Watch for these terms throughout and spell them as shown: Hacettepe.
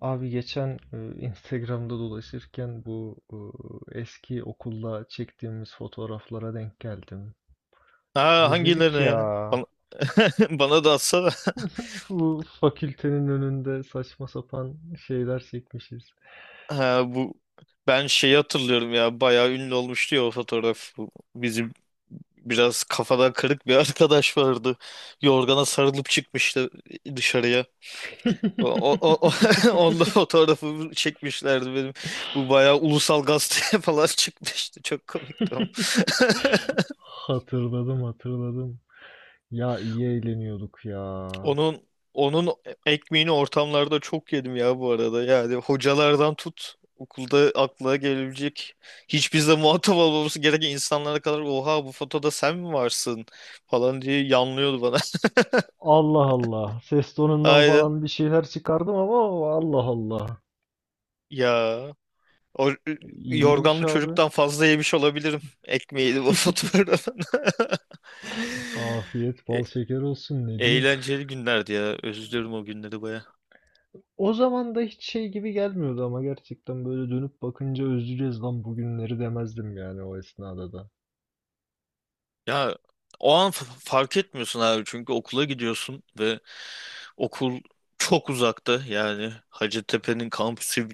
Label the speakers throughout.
Speaker 1: Abi geçen Instagram'da dolaşırken eski okulda çektiğimiz fotoğraflara denk geldim.
Speaker 2: Ha
Speaker 1: Özledik
Speaker 2: hangilerine
Speaker 1: ya.
Speaker 2: ya? Bana, bana da atsana.
Speaker 1: Bu fakültenin önünde saçma sapan şeyler çekmişiz.
Speaker 2: Ha, ben şeyi hatırlıyorum ya bayağı ünlü olmuştu ya o fotoğraf. Bu bizim biraz kafadan kırık bir arkadaş vardı. Yorgana sarılıp çıkmıştı dışarıya. O, o, o, onda fotoğrafı çekmişlerdi benim. Bu bayağı ulusal gazeteye falan çıkmıştı. Çok komikti.
Speaker 1: Hatırladım, hatırladım. Ya iyi eğleniyorduk ya.
Speaker 2: Onun onun ekmeğini ortamlarda çok yedim ya bu arada. Yani hocalardan tut okulda aklına gelebilecek hiç bizle muhatap olmaması gereken insanlara kadar oha bu fotoda sen mi varsın falan diye yanlıyordu bana.
Speaker 1: Allah Allah. Ses tonundan
Speaker 2: Aynen.
Speaker 1: falan bir şeyler çıkardım ama Allah Allah.
Speaker 2: Ya o
Speaker 1: İyiymiş
Speaker 2: yorganlı
Speaker 1: abi.
Speaker 2: çocuktan fazla yemiş olabilirim ekmeği de bu fotoğrafta.
Speaker 1: Afiyet
Speaker 2: E-
Speaker 1: bal şeker olsun, ne diyeyim.
Speaker 2: eğlenceli günlerdi ya. Özlüyorum o günleri baya.
Speaker 1: O zaman da hiç şey gibi gelmiyordu ama gerçekten böyle dönüp bakınca özleyeceğiz lan bugünleri demezdim yani o esnada da.
Speaker 2: Ya o an fark etmiyorsun abi çünkü okula gidiyorsun ve okul çok uzaktı, yani Hacettepe'nin kampüsü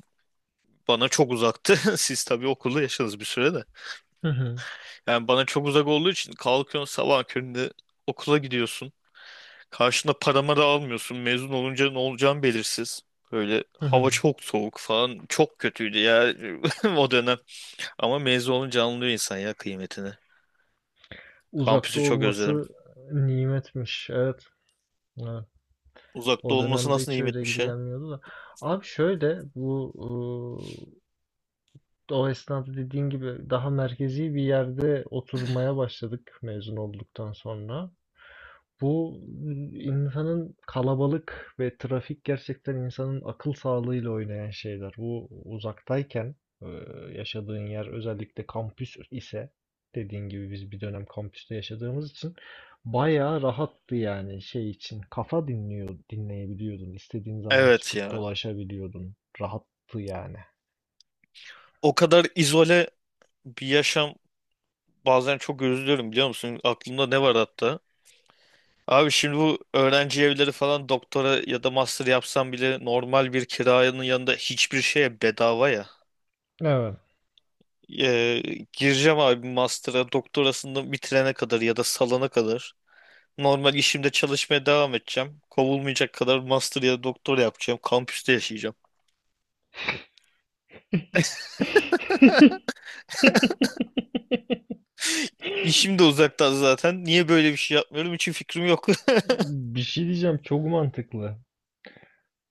Speaker 2: bana çok uzaktı. Siz tabii okulda yaşadınız bir süre de.
Speaker 1: Hı hı,
Speaker 2: Yani bana çok uzak olduğu için kalkıyorsun sabah köründe okula gidiyorsun. Karşına paramı da almıyorsun. Mezun olunca ne olacağın belirsiz. Böyle
Speaker 1: hı
Speaker 2: hava
Speaker 1: hı.
Speaker 2: çok soğuk falan, çok kötüydü ya o dönem. Ama mezun olunca anlıyor insan ya kıymetini.
Speaker 1: Uzakta
Speaker 2: Kampüsü çok özledim.
Speaker 1: olması nimetmiş. Evet. Evet.
Speaker 2: Uzakta
Speaker 1: O
Speaker 2: olması
Speaker 1: dönemde
Speaker 2: nasıl
Speaker 1: hiç öyle
Speaker 2: nimetmiş
Speaker 1: gibi
Speaker 2: ya.
Speaker 1: gelmiyordu da. Abi şöyle bu o esnada dediğin gibi daha merkezi bir yerde oturmaya başladık mezun olduktan sonra. Bu insanın kalabalık ve trafik gerçekten insanın akıl sağlığıyla oynayan şeyler. Bu uzaktayken e, yaşadığın yer özellikle kampüs ise dediğin gibi biz bir dönem kampüste yaşadığımız için bayağı rahattı yani şey için kafa dinleyebiliyordun. İstediğin zaman
Speaker 2: Evet
Speaker 1: çıkıp
Speaker 2: ya.
Speaker 1: dolaşabiliyordun. Rahattı yani.
Speaker 2: O kadar izole bir yaşam, bazen çok üzülüyorum biliyor musun? Aklımda ne var hatta? Abi şimdi bu öğrenci evleri falan, doktora ya da master yapsam bile normal bir kirayanın yanında hiçbir şeye bedava ya.
Speaker 1: Evet.
Speaker 2: Ee, gireceğim abi master'a, doktorasını bitirene kadar ya da salana kadar. Normal işimde çalışmaya devam edeceğim. Kovulmayacak kadar master ya da doktor yapacağım. Kampüste yaşayacağım. İşim de uzaktan zaten. Niye böyle bir şey yapmıyorum? Hiç fikrim yok.
Speaker 1: Bir şey diyeceğim, çok mantıklı.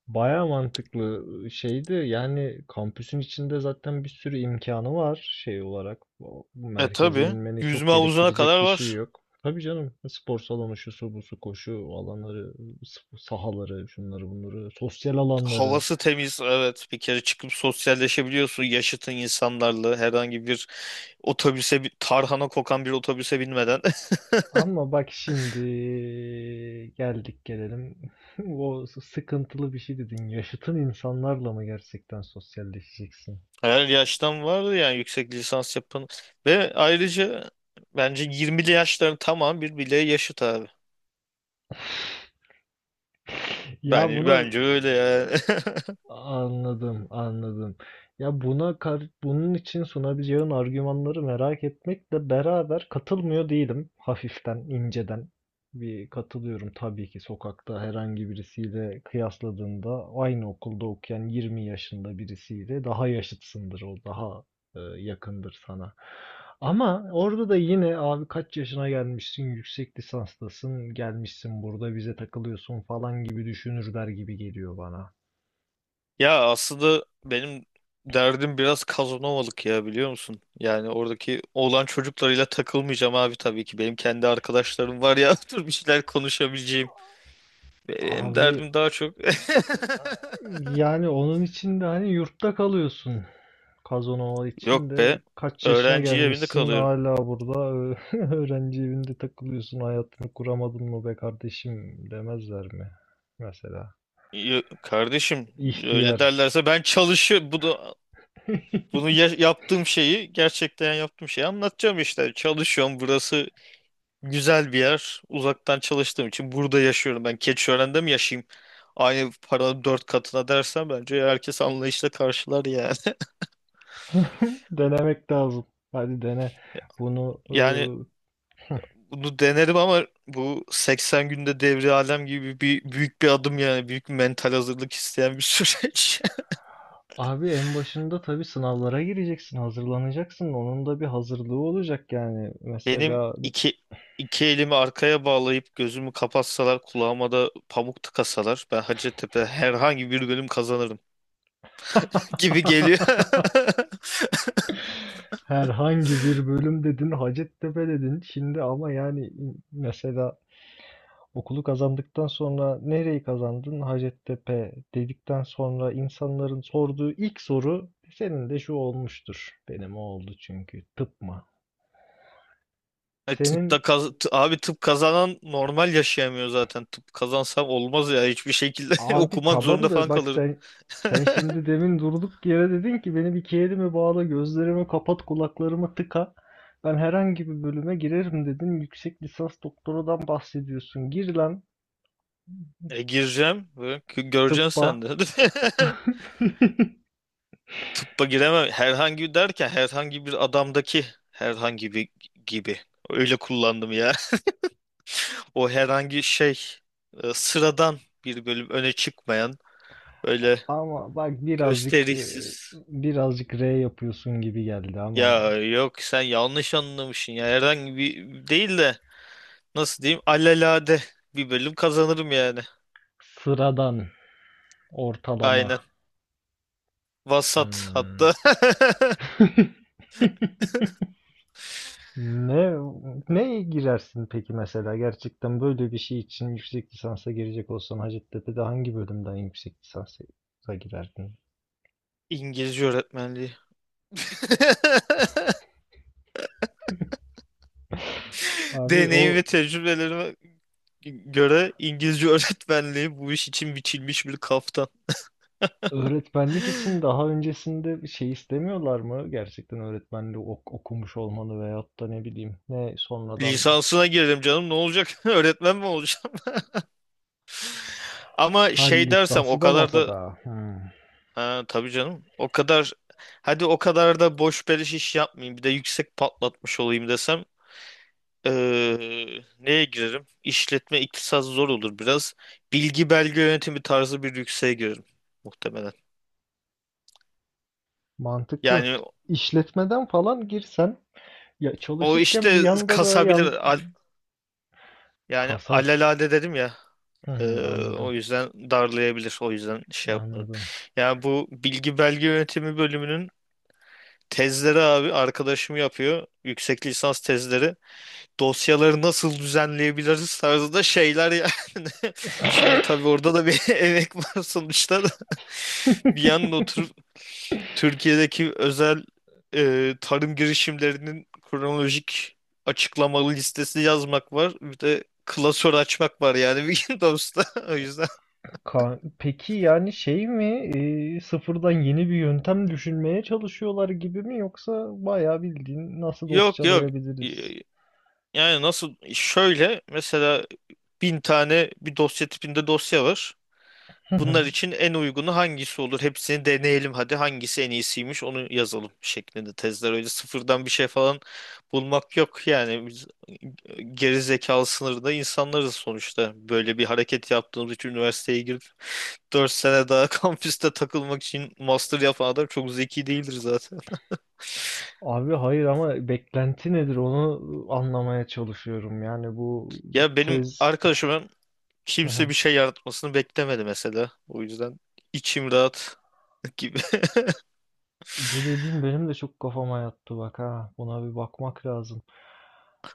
Speaker 1: Baya mantıklı şeydi, yani kampüsün içinde zaten bir sürü imkanı var şey olarak. Bu
Speaker 2: E
Speaker 1: merkeze
Speaker 2: tabii.
Speaker 1: inmeni çok
Speaker 2: Yüzme havuzuna kadar
Speaker 1: gerektirecek bir şey
Speaker 2: var.
Speaker 1: yok. Tabii canım, spor salonu, şusu busu, koşu alanları, sahaları, şunları bunları, sosyal alanları.
Speaker 2: Havası temiz, evet, bir kere çıkıp sosyalleşebiliyorsun yaşıtın insanlarla, herhangi bir otobüse, bir tarhana kokan bir otobüse binmeden.
Speaker 1: Ama bak şimdi gelelim, o sıkıntılı bir şey dedin, yaşıtın insanlarla mı gerçekten sosyalleşeceksin?
Speaker 2: Her yaştan vardı yani yüksek lisans yapan, ve ayrıca bence 20'li yaşların tamam bir bile yaşıt abi.
Speaker 1: Ya bunu
Speaker 2: Bence öyle ya.
Speaker 1: Anladım, anladım. Ya bunun için sunabileceğin argümanları merak etmekle beraber katılmıyor değilim. Hafiften, inceden bir katılıyorum tabii ki, sokakta herhangi birisiyle kıyasladığında aynı okulda okuyan 20 yaşında birisiyle daha yaşıtsındır o, daha yakındır sana. Ama orada da yine abi kaç yaşına gelmişsin, yüksek lisanstasın, gelmişsin burada bize takılıyorsun falan gibi düşünürler gibi geliyor bana.
Speaker 2: Ya aslında benim derdim biraz Kazanovalık ya, biliyor musun? Yani oradaki oğlan çocuklarıyla takılmayacağım abi tabii ki. Benim kendi arkadaşlarım var ya, dur, bir şeyler konuşabileceğim. Benim
Speaker 1: Abi
Speaker 2: derdim daha çok.
Speaker 1: yani onun için de hani yurtta kalıyorsun. Kazanova için
Speaker 2: Yok be.
Speaker 1: de kaç yaşına
Speaker 2: Öğrenci evinde
Speaker 1: gelmişsin
Speaker 2: kalıyorum.
Speaker 1: hala burada öğrenci evinde takılıyorsun, hayatını kuramadın mı be kardeşim demezler mi mesela,
Speaker 2: Kardeşim öyle
Speaker 1: ihtiyar.
Speaker 2: derlerse ben çalışıyorum, bu da bunu yaptığım şeyi, gerçekten yaptığım şeyi anlatacağım işte. Çalışıyorum. Burası güzel bir yer. Uzaktan çalıştığım için burada yaşıyorum. Ben Keçiören'de mi yaşayayım? Aynı paranın 4 katına dersen bence herkes anlayışla karşılar yani.
Speaker 1: Denemek lazım, hadi dene bunu e,
Speaker 2: Yani bunu denerim, ama bu 80 günde devri alem gibi bir büyük bir adım, yani büyük bir mental hazırlık isteyen bir süreç.
Speaker 1: abi. En başında tabii sınavlara gireceksin, hazırlanacaksın, onun da bir hazırlığı olacak yani
Speaker 2: Benim
Speaker 1: mesela.
Speaker 2: iki elimi arkaya bağlayıp gözümü kapatsalar, kulağıma da pamuk tıkasalar, ben Hacettepe herhangi bir bölüm kazanırım gibi geliyor.
Speaker 1: Herhangi bir bölüm dedin, Hacettepe dedin. Şimdi ama yani mesela okulu kazandıktan sonra nereyi kazandın? Hacettepe dedikten sonra insanların sorduğu ilk soru senin de şu olmuştur. Benim o oldu: çünkü tıp mı?
Speaker 2: Ay,
Speaker 1: Senin
Speaker 2: abi tıp kazanan normal yaşayamıyor zaten. Tıp kazansam olmaz ya, hiçbir şekilde
Speaker 1: Abi
Speaker 2: okumak
Speaker 1: tamam
Speaker 2: zorunda
Speaker 1: da
Speaker 2: falan
Speaker 1: bak,
Speaker 2: kalırım.
Speaker 1: sen şimdi demin durduk yere dedin ki beni iki elime bağla, gözlerimi kapat, kulaklarımı tıka. Ben herhangi bir bölüme girerim dedin. Yüksek lisans doktoradan bahsediyorsun. Gir lan.
Speaker 2: E gireceğim. Böyle, göreceksin sen
Speaker 1: Tıbba.
Speaker 2: de. Tıbba giremem. Herhangi derken, herhangi bir adamdaki herhangi bir gibi. Öyle kullandım ya. O herhangi şey, sıradan bir bölüm, öne çıkmayan, öyle
Speaker 1: Ama bak birazcık
Speaker 2: gösterişsiz.
Speaker 1: birazcık R yapıyorsun gibi geldi
Speaker 2: Ya
Speaker 1: ama.
Speaker 2: yok, sen yanlış anlamışsın ya. Herhangi bir değil de, nasıl diyeyim, alelade bir bölüm kazanırım yani.
Speaker 1: Sıradan,
Speaker 2: Aynen.
Speaker 1: ortalama.
Speaker 2: Vasat
Speaker 1: Hmm.
Speaker 2: hatta.
Speaker 1: Ne Neye girersin peki mesela, gerçekten böyle bir şey için yüksek lisansa girecek olsan Hacettepe'de hangi bölümden yüksek lisansa girerdin?
Speaker 2: İngilizce öğretmenliği.
Speaker 1: Abi o.
Speaker 2: Deneyim ve tecrübelerime göre İngilizce öğretmenliği bu iş için biçilmiş bir kaftan.
Speaker 1: Öğretmenlik için daha öncesinde bir şey istemiyorlar mı? Gerçekten öğretmenliği okumuş olmalı, veyahut da ne bileyim ne sonradan
Speaker 2: Lisansına girdim canım, ne olacak? Öğretmen mi olacağım? Ama
Speaker 1: hal
Speaker 2: şey dersem o
Speaker 1: lisansı da
Speaker 2: kadar da,
Speaker 1: masada. Hmm,
Speaker 2: ha, tabii canım, o kadar, hadi o kadar da boş beleş iş yapmayayım, bir de yüksek patlatmış olayım desem, neye girerim? İşletme, iktisat zor olur biraz. Bilgi belge yönetimi tarzı bir yükseğe girerim muhtemelen.
Speaker 1: mantıklı.
Speaker 2: Yani
Speaker 1: İşletmeden falan girsen, ya
Speaker 2: o
Speaker 1: çalışırken bir
Speaker 2: işte
Speaker 1: yanda da
Speaker 2: kasabilir,
Speaker 1: yan
Speaker 2: al- yani
Speaker 1: kasar.
Speaker 2: alelade dedim ya.
Speaker 1: Hı
Speaker 2: Ee,
Speaker 1: hı,
Speaker 2: o
Speaker 1: anladım.
Speaker 2: yüzden darlayabilir. O yüzden şey yapmadım.
Speaker 1: Anladım.
Speaker 2: Ya, bu bilgi belge yönetimi bölümünün tezleri abi, arkadaşım yapıyor. Yüksek lisans tezleri. Dosyaları nasıl düzenleyebiliriz tarzında şeyler yani. Şimdi tabii orada da bir emek var sonuçta da. Bir yandan oturup Türkiye'deki özel, tarım girişimlerinin kronolojik açıklamalı listesi yazmak var. Bir de klasör açmak var, yani bir gün dosta. O yüzden.
Speaker 1: Peki yani şey mi, sıfırdan yeni bir yöntem düşünmeye çalışıyorlar gibi mi, yoksa bayağı bildiğin nasıl
Speaker 2: Yok yok.
Speaker 1: dosyalayabiliriz?
Speaker 2: Y- Yani nasıl, şöyle mesela, 1.000 tane bir dosya tipinde dosya var. Bunlar için en uygunu hangisi olur? Hepsini deneyelim, hadi hangisi en iyisiymiş onu yazalım şeklinde tezler. Öyle sıfırdan bir şey falan bulmak yok. Yani biz geri zekalı sınırında insanlarız sonuçta. Böyle bir hareket yaptığımız için üniversiteye girip 4 sene daha kampüste takılmak için master yapan adam çok zeki değildir zaten.
Speaker 1: Abi hayır ama beklenti nedir onu anlamaya çalışıyorum. Yani bu
Speaker 2: Ya benim
Speaker 1: tez.
Speaker 2: arkadaşım,
Speaker 1: Hı
Speaker 2: kimse
Speaker 1: hı.
Speaker 2: bir şey yaratmasını beklemedi mesela. O yüzden içim rahat gibi.
Speaker 1: Bu dediğin benim de çok kafama yattı bak ha. Buna bir bakmak lazım.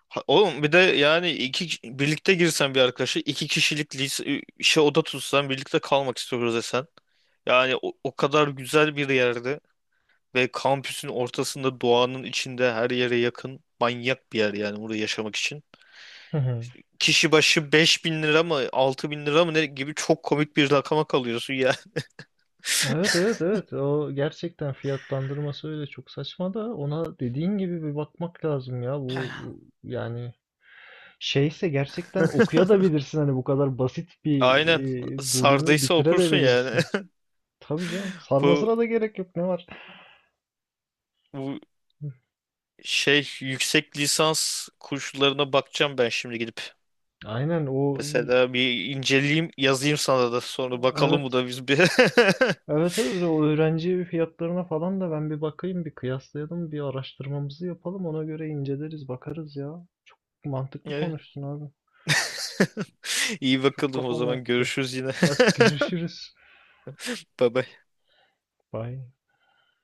Speaker 2: Ha, oğlum, bir de yani iki birlikte girsen, bir arkadaşı, 2 kişilik lise, şey oda tutsan, birlikte kalmak istiyoruz desen. Yani o, o kadar güzel bir yerde ve kampüsün ortasında, doğanın içinde, her yere yakın, manyak bir yer yani burada yaşamak için.
Speaker 1: Hı hı.
Speaker 2: Kişi başı 5.000 lira mı, 6.000 lira mı ne gibi çok komik bir rakama kalıyorsun ya.
Speaker 1: Evet, evet, evet, o gerçekten fiyatlandırması öyle çok saçma da, ona dediğin gibi bir bakmak lazım ya. Bu yani şeyse gerçekten okuyabilirsin hani, bu kadar basit bir
Speaker 2: Aynen,
Speaker 1: bölümü
Speaker 2: sardıysa okursun yani.
Speaker 1: bitirebilirsin. Tabii canım,
Speaker 2: Bu,
Speaker 1: sarmasına da gerek yok, ne var.
Speaker 2: bu Şey, yüksek lisans kurslarına bakacağım ben şimdi gidip.
Speaker 1: Aynen o,
Speaker 2: Mesela bir inceleyeyim, yazayım sana da, sonra bakalım bu
Speaker 1: evet
Speaker 2: da biz bir.
Speaker 1: Evet evet, o öğrenci fiyatlarına falan da ben bir bakayım, bir kıyaslayalım, bir araştırmamızı yapalım, ona göre inceleriz bakarız ya. Çok mantıklı
Speaker 2: Evet.
Speaker 1: konuştun abi.
Speaker 2: İyi,
Speaker 1: Çok
Speaker 2: bakalım o
Speaker 1: kafama
Speaker 2: zaman,
Speaker 1: yattı.
Speaker 2: görüşürüz yine.
Speaker 1: Hadi görüşürüz.
Speaker 2: Bye bye.
Speaker 1: Bye.